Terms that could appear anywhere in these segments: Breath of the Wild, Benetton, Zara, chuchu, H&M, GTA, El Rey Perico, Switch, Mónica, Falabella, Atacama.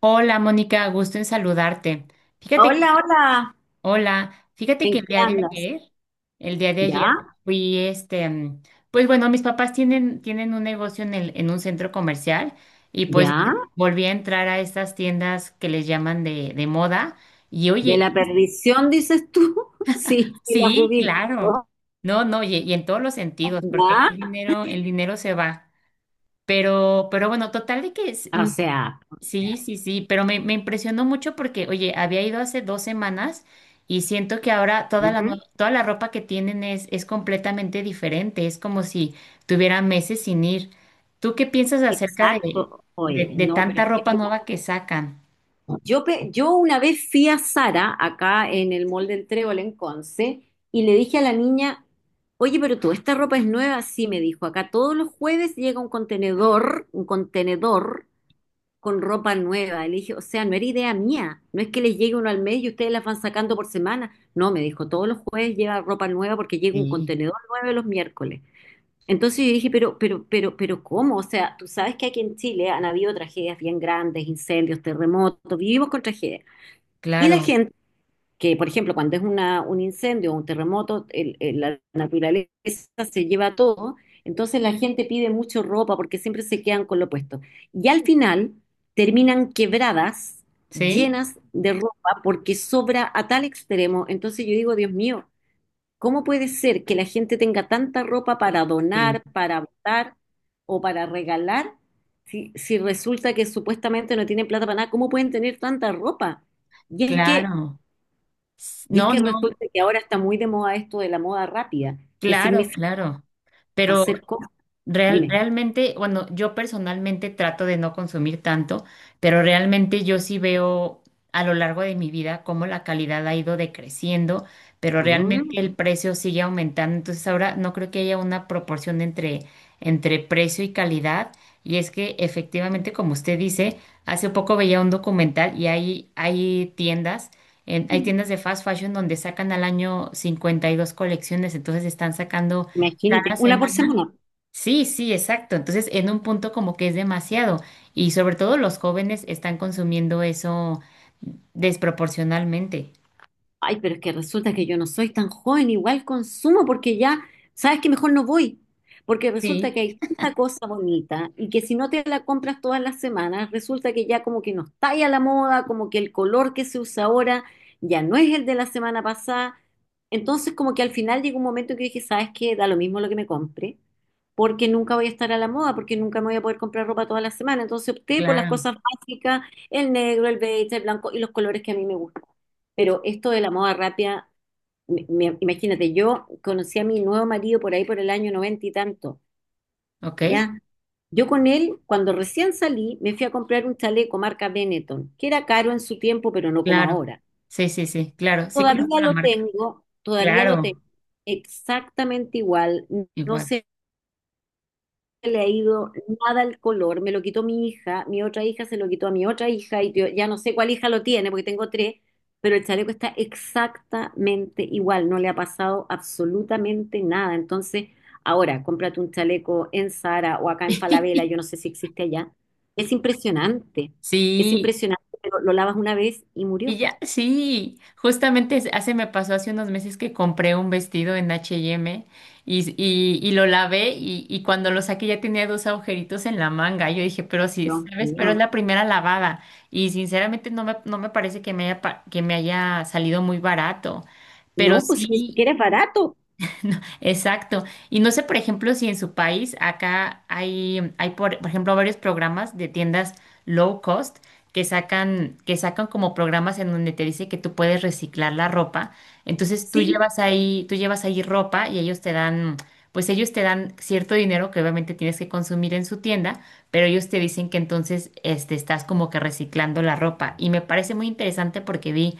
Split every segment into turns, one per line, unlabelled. Hola, Mónica, gusto en saludarte. Fíjate que,
Hola, hola,
hola, fíjate que
¿en
el
qué
día de
andas?
ayer, el día de ayer
¿Ya?
fui este, pues bueno, mis papás tienen un negocio en un centro comercial y pues bueno,
¿Ya?
volví a entrar a estas tiendas que les llaman de moda y
¿De
oye,
la perdición dices tú? Sí, sí, la
sí,
ubico.
claro, no, no, y en todos los sentidos, porque el
¿Ya?
dinero, el dinero se va. Pero bueno, total de que.
O sea, o
Sí,
sea,
sí, sí, pero me impresionó mucho porque, oye, había ido hace 2 semanas y siento que ahora
ujú,
toda la ropa que tienen es completamente diferente, es como si tuviera meses sin ir. ¿Tú qué piensas acerca de,
exacto.
de,
Oye,
de
no, pero
tanta
es que
ropa
mira,
nueva que sacan?
yo una vez fui a Sara, acá en el Mall del Trébol en Conce, y le dije a la niña, oye, pero tú, ¿esta ropa es nueva? Sí, me dijo, acá todos los jueves llega un contenedor con ropa nueva. Y le dije, o sea, no era idea mía. No es que les llegue uno al mes y ustedes las van sacando por semana. No, me dijo, todos los jueves lleva ropa nueva porque llega un
Sí,
contenedor nuevo los miércoles. Entonces yo dije, pero, ¿cómo? O sea, tú sabes que aquí en Chile han habido tragedias bien grandes, incendios, terremotos, vivimos con tragedias. Y la
claro,
gente que, por ejemplo, cuando es una, un incendio o un terremoto, la naturaleza se lleva todo, entonces la gente pide mucho ropa porque siempre se quedan con lo puesto. Y al final terminan quebradas,
¿sí?
llenas de ropa porque sobra a tal extremo. Entonces yo digo, Dios mío, ¿cómo puede ser que la gente tenga tanta ropa para
Sí,
donar, para botar o para regalar? Si, si resulta que supuestamente no tienen plata para nada, ¿cómo pueden tener tanta ropa? Y es que
claro.
y es
No,
que
no,
resulta que ahora está muy de moda esto de la moda rápida, que
claro,
significa
claro. Pero
hacer cosas. Dime,
Realmente, bueno, yo personalmente trato de no consumir tanto, pero realmente yo sí veo a lo largo de mi vida cómo la calidad ha ido decreciendo, pero
mm.
realmente el precio sigue aumentando. Entonces ahora no creo que haya una proporción entre, entre precio y calidad. Y es que efectivamente, como usted dice, hace poco veía un documental y hay tiendas, hay tiendas de fast fashion donde sacan al año 52 colecciones, entonces están sacando.
Imagínate,
Cada
una por
semana.
semana.
Sí, sí, exacto. Entonces, en un punto como que es demasiado y sobre todo los jóvenes están consumiendo eso desproporcionalmente.
Ay, pero es que resulta que yo no soy tan joven, igual consumo porque ya, sabes que mejor no voy, porque resulta
Sí,
que hay tanta cosa bonita y que si no te la compras todas las semanas, resulta que ya como que no está ahí a la moda, como que el color que se usa ahora ya no es el de la semana pasada. Entonces como que al final llegó un momento que dije, ¿sabes qué? Da lo mismo lo que me compre, porque nunca voy a estar a la moda, porque nunca me voy a poder comprar ropa todas las semanas. Entonces opté por las
claro,
cosas básicas, el negro, el beige, el blanco y los colores que a mí me gustan. Pero esto de la moda rápida, imagínate, yo conocí a mi nuevo marido por ahí por el año noventa y tanto,
ok,
¿ya? Yo con él, cuando recién salí, me fui a comprar un chaleco marca Benetton, que era caro en su tiempo, pero no como
claro.
ahora.
Sí, sí, sí, claro. Sí conozco la marca.
Todavía lo tengo
Claro,
exactamente igual, no
igual.
se le ha ido nada el color, me lo quitó mi hija, mi otra hija se lo quitó a mi otra hija y yo ya no sé cuál hija lo tiene porque tengo tres, pero el chaleco está exactamente igual, no le ha pasado absolutamente nada. Entonces, ahora cómprate un chaleco en Zara o acá en Falabella, yo no sé si existe allá. Es impresionante, es
Sí,
impresionante, pero lo lavas una vez y
y
murió.
ya, sí, justamente hace me pasó hace unos meses que compré un vestido en H&M y, y lo lavé y, cuando lo saqué ya tenía dos agujeritos en la manga. Yo dije, pero sí,
Dios
¿sabes? Pero es
mío.
la primera lavada y sinceramente no me parece que me haya salido muy barato. Pero
No, pues si ni
sí,
siquiera es barato.
exacto. Y no sé, por ejemplo, si en su país acá hay por ejemplo, varios programas de tiendas low cost que sacan como programas en donde te dice que tú puedes reciclar la ropa. Entonces tú
Sí,
llevas ahí, tú llevas ahí ropa y pues ellos te dan cierto dinero que obviamente tienes que consumir en su tienda, pero ellos te dicen que entonces estás como que reciclando la ropa. Y me parece muy interesante porque vi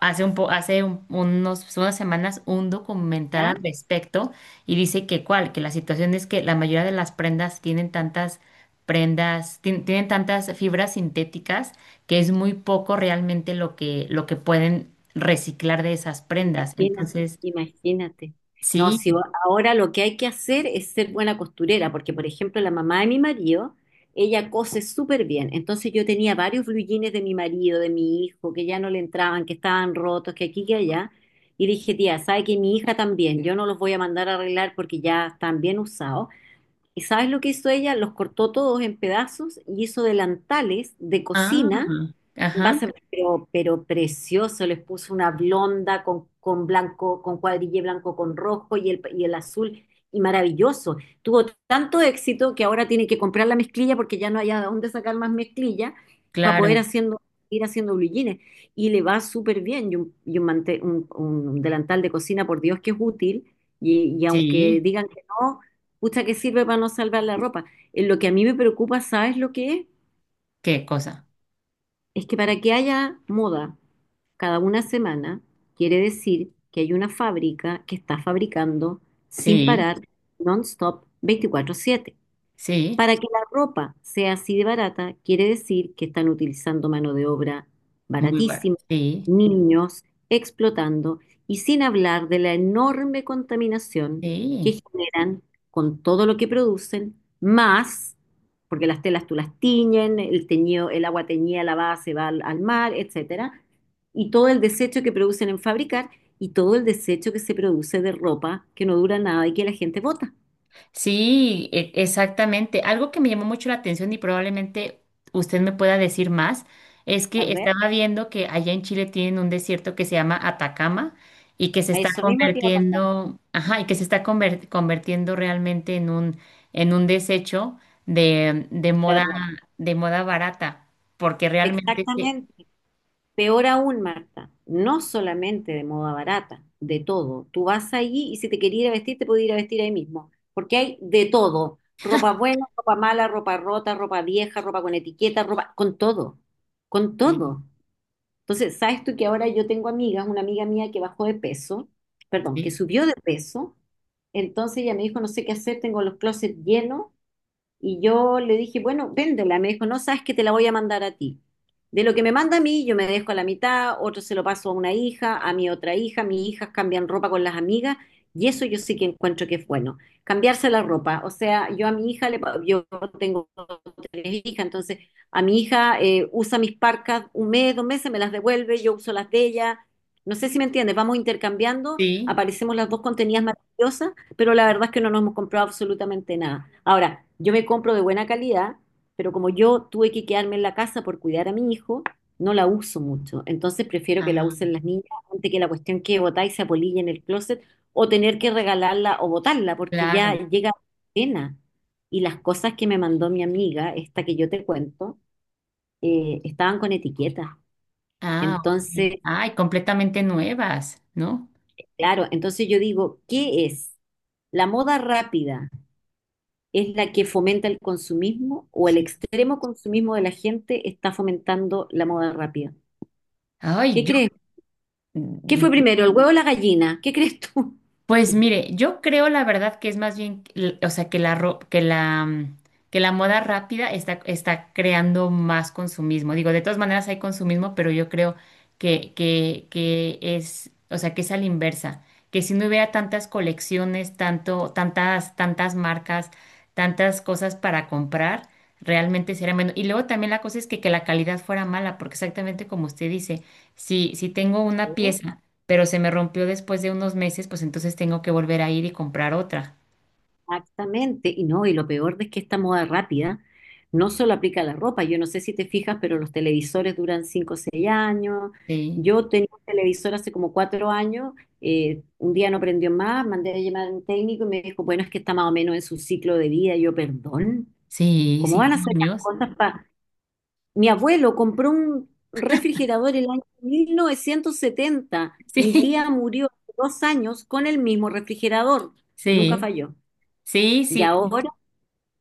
hace un po- hace un- unos, unas semanas un documental al
¿ya?
respecto y dice que cuál, que la situación es que la mayoría de las prendas tienen tantas prendas, tienen tantas fibras sintéticas que es muy poco realmente lo que pueden reciclar de esas prendas.
Imagínate,
Entonces,
imagínate. No,
sí.
si o- ahora lo que hay que hacer es ser buena costurera, porque por ejemplo la mamá de mi marido, ella cose súper bien. Entonces yo tenía varios blue jeans de mi marido, de mi hijo, que ya no le entraban, que estaban rotos, que aquí, que allá. Y dije, tía, ¿sabe que mi hija también? Yo no los voy a mandar a arreglar porque ya están bien usados. ¿Y sabes lo que hizo ella? Los cortó todos en pedazos y hizo delantales de
Ah,
cocina.
ajá,
Base, pero precioso, les puso una blonda con blanco, con cuadrille blanco con rojo y el azul, y maravilloso. Tuvo tanto éxito que ahora tiene que comprar la mezclilla porque ya no hay a dónde sacar más mezclilla para poder
claro.
haciendo, ir haciendo blue jeans. Y le va súper bien. Un delantal de cocina, por Dios, que es útil. Y aunque
Sí,
digan que no, pucha que sirve para no salvar la ropa. Lo que a mí me preocupa, ¿sabes lo que es?
qué cosa.
Es que para que haya moda cada una semana, quiere decir que hay una fábrica que está fabricando sin
Sí,
parar, non-stop, 24/7.
sí,
Para que la ropa sea así de barata, quiere decir que están utilizando mano de obra
muy bueno.
baratísima,
Sí,
niños explotando y sin hablar de la enorme contaminación
sí.
que generan con todo lo que producen, más, porque las telas tú las tiñen, el teñido, el agua teñida lavada se va al, al mar, etcétera, y todo el desecho que producen en fabricar y todo el desecho que se produce de ropa que no dura nada y que la gente bota.
Sí, exactamente. Algo que me llamó mucho la atención y probablemente usted me pueda decir más es
A
que
ver,
estaba viendo que allá en Chile tienen un desierto que se llama Atacama y que se
a
está
eso mismo te iba a contar.
convirtiendo, ajá, y que se está convirtiendo realmente en un desecho de, de
De
moda
ropa.
de moda barata, porque realmente sí,
Exactamente. Peor aún, Marta, no solamente de moda barata, de todo. Tú vas allí y si te quería ir a vestir, te puedes ir a vestir ahí mismo, porque hay de todo. Ropa buena, ropa mala, ropa rota, ropa vieja, ropa con etiqueta, ropa con todo, con
sí,
todo. Entonces, ¿sabes tú que ahora yo tengo amigas, una amiga mía que bajó de peso, perdón, que
sí,
subió de peso, entonces ella me dijo, no sé qué hacer, tengo los closets llenos. Y yo le dije, bueno, véndela. Me dijo, no sabes que te la voy a mandar a ti. De lo que me manda a mí, yo me dejo a la mitad, otro se lo paso a una hija, a mi otra hija, mis hijas cambian ropa con las amigas, y eso yo sí que encuentro que es bueno. Cambiarse la ropa. O sea, yo a mi hija, le, pa- yo tengo tres hijas, entonces a mi hija usa mis parcas un mes, 2 meses, me las devuelve, yo uso las de ella. No sé si me entiendes, vamos intercambiando,
sí,
aparecemos las dos contenidas maravillosas, pero la verdad es que no nos hemos comprado absolutamente nada. Ahora, yo me compro de buena calidad, pero como yo tuve que quedarme en la casa por cuidar a mi hijo, no la uso mucho. Entonces prefiero que la usen
ah,
las niñas antes que la cuestión que botar y se apolille en el closet o tener que regalarla o botarla porque ya
claro.
llega pena. Y las cosas que me mandó mi amiga, esta que yo te cuento, estaban con etiquetas.
Ah,
Entonces,
ok. Ay, completamente nuevas, ¿no?
claro, entonces yo digo, ¿qué es? La moda rápida es la que fomenta el consumismo o el
Sí.
extremo consumismo de la gente está fomentando la moda rápida.
Ay,
¿Qué
yo.
crees? ¿Qué fue
Mm,
primero, el huevo o la gallina? ¿Qué crees tú?
Pues mire, yo creo la verdad que es más bien, o sea, que la, ro- que la, mm, que la moda rápida está creando más consumismo. Digo, de todas maneras hay consumismo, pero yo creo que es, o sea, que es a la inversa. Que si no hubiera tantas colecciones, tantas marcas, tantas cosas para comprar, realmente sería menos. Y luego también la cosa es que la calidad fuera mala, porque exactamente como usted dice, si tengo una
Oh,
pieza pero se me rompió después de unos meses, pues entonces tengo que volver a ir y comprar otra.
exactamente. Y no, y lo peor es que esta moda rápida no solo aplica a la ropa. Yo no sé si te fijas, pero los televisores duran 5 o 6 años.
Sí,
Yo tenía un televisor hace como 4 años. Un día no prendió más, mandé a llamar a un técnico y me dijo, bueno, es que está más o menos en su ciclo de vida. Y yo, perdón,
sí,
¿cómo van a
cinco
hacer las
años.
cosas? Mi abuelo compró un refrigerador el año 1970. Mi tía murió hace 2 años con el mismo refrigerador. Nunca
Sí,
falló.
sí,
Y
sí, sí,
ahora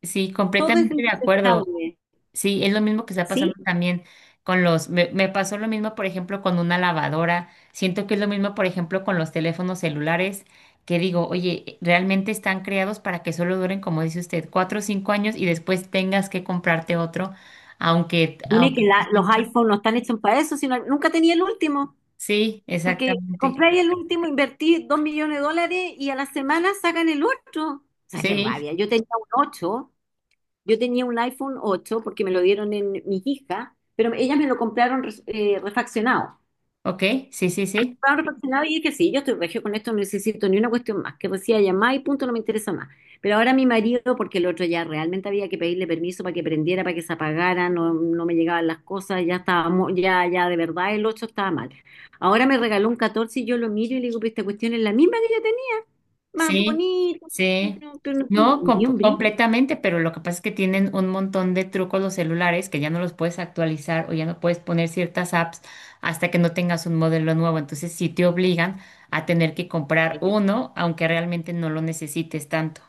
sí,
todo es
completamente de acuerdo.
desechable.
Sí, es lo mismo que está pasando
¿Sí?
también me pasó lo mismo, por ejemplo, con una lavadora. Siento que es lo mismo, por ejemplo, con los teléfonos celulares, que digo, oye, realmente están creados para que solo duren, como dice usted, 4 o 5 años y después tengas que comprarte otro, aunque,
Dime que
aunque tú
la- los
sientas.
iPhones no están hechos para eso, sino nunca tenía el último.
Sí,
Porque
exactamente.
compré el último, invertí 2 millones de dólares y a la semana sacan el otro. O sea, qué
Sí,
rabia. Yo tenía un 8, yo tenía un iPhone 8 porque me lo dieron en mi hija, pero ellas me lo compraron res- refaccionado.
ok, sí, sí, sí,
Estaba reflexionada y dije, sí, yo estoy regio con esto, no necesito ni una cuestión más, que decía llamar y punto, no me interesa más. Pero ahora mi marido, porque el otro ya realmente había que pedirle permiso para que prendiera, para que se apagara, no, no me llegaban las cosas, ya estábamos, ya, ya de verdad el 8 estaba mal. Ahora me regaló un 14 y yo lo miro y le digo, pero esta cuestión es la misma que yo tenía, más
sí,
bonita,
sí.
no- pero no tiene
No,
ni un brillo.
completamente, pero lo que pasa es que tienen un montón de trucos los celulares que ya no los puedes actualizar o ya no puedes poner ciertas apps hasta que no tengas un modelo nuevo. Entonces sí te obligan a tener que comprar uno, aunque realmente no lo necesites tanto.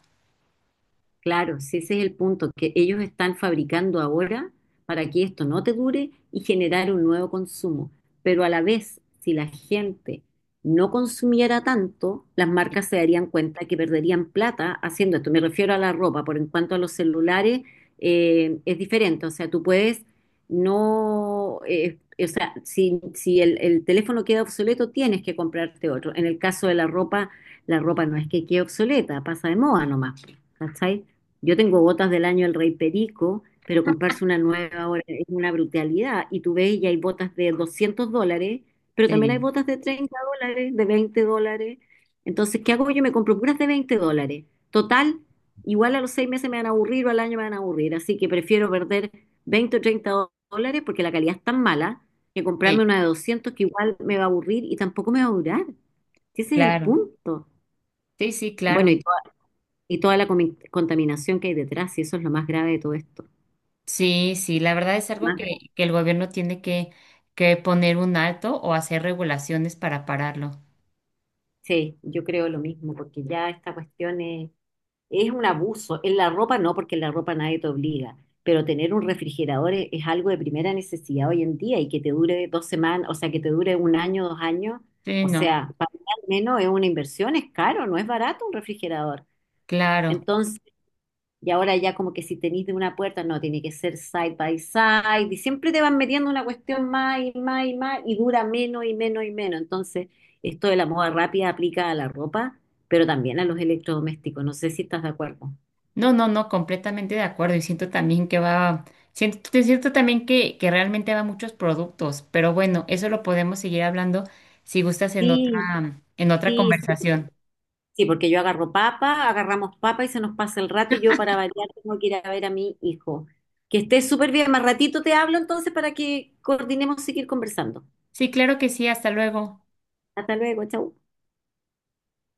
Claro, si ese es el punto, que ellos están fabricando ahora para que esto no te dure y generar un nuevo consumo. Pero a la vez, si la gente no consumiera tanto, las marcas se darían cuenta que perderían plata haciendo esto. Me refiero a la ropa, por en cuanto a los celulares, es diferente. O sea, tú puedes no, o sea, si el teléfono queda obsoleto, tienes que comprarte otro. En el caso de la ropa no es que quede obsoleta, pasa de moda nomás. ¿Cachai? Yo tengo botas del año El Rey Perico, pero comprarse una nueva ahora es una brutalidad. Y tú ves, y hay botas de 200 dólares, pero también hay
Sí,
botas de 30 dólares, de 20 dólares. Entonces, ¿qué hago yo? Me compro puras de 20 dólares. Total, igual a los 6 meses me van a aburrir o al año me van a aburrir. Así que prefiero perder 20 o 30 dólares porque la calidad es tan mala que
sí,
comprarme una de 200 que igual me va a aburrir y tampoco me va a durar. Ese es el
claro.
punto.
Sí, sí, claro.
Bueno, y toda la contaminación que hay detrás, y eso es lo más grave de todo esto.
Sí, sí, la verdad es algo
Más de-
que el gobierno tiene que poner un alto o hacer regulaciones para pararlo.
Sí, yo creo lo mismo, porque ya esta cuestión es un abuso. En la ropa no, porque en la ropa nadie te obliga, pero tener un refrigerador es algo de primera necesidad hoy en día y que te dure 2 semanas, o sea, que te dure un año, 2 años,
Sí,
o
no,
sea, para mí al menos es una inversión, es caro, no es barato un refrigerador.
claro.
Entonces y ahora ya como que si tenís de una puerta, no, tiene que ser side by side. Y siempre te van metiendo una cuestión más y más y más y dura menos y menos y menos. Entonces, esto de la moda rápida aplica a la ropa, pero también a los electrodomésticos. No sé si estás de acuerdo.
No, no, no, completamente de acuerdo. Y siento también que va, te siento también que realmente va a muchos productos, pero bueno, eso lo podemos seguir hablando si gustas en
Sí,
otra, en otra
sí, sí.
conversación.
Sí, porque yo agarro papa, agarramos papa y se nos pasa el rato y yo para variar tengo que ir a ver a mi hijo. Que estés súper bien. Más ratito te hablo entonces para que coordinemos seguir conversando.
Sí, claro que sí, hasta luego.
Hasta luego, chau.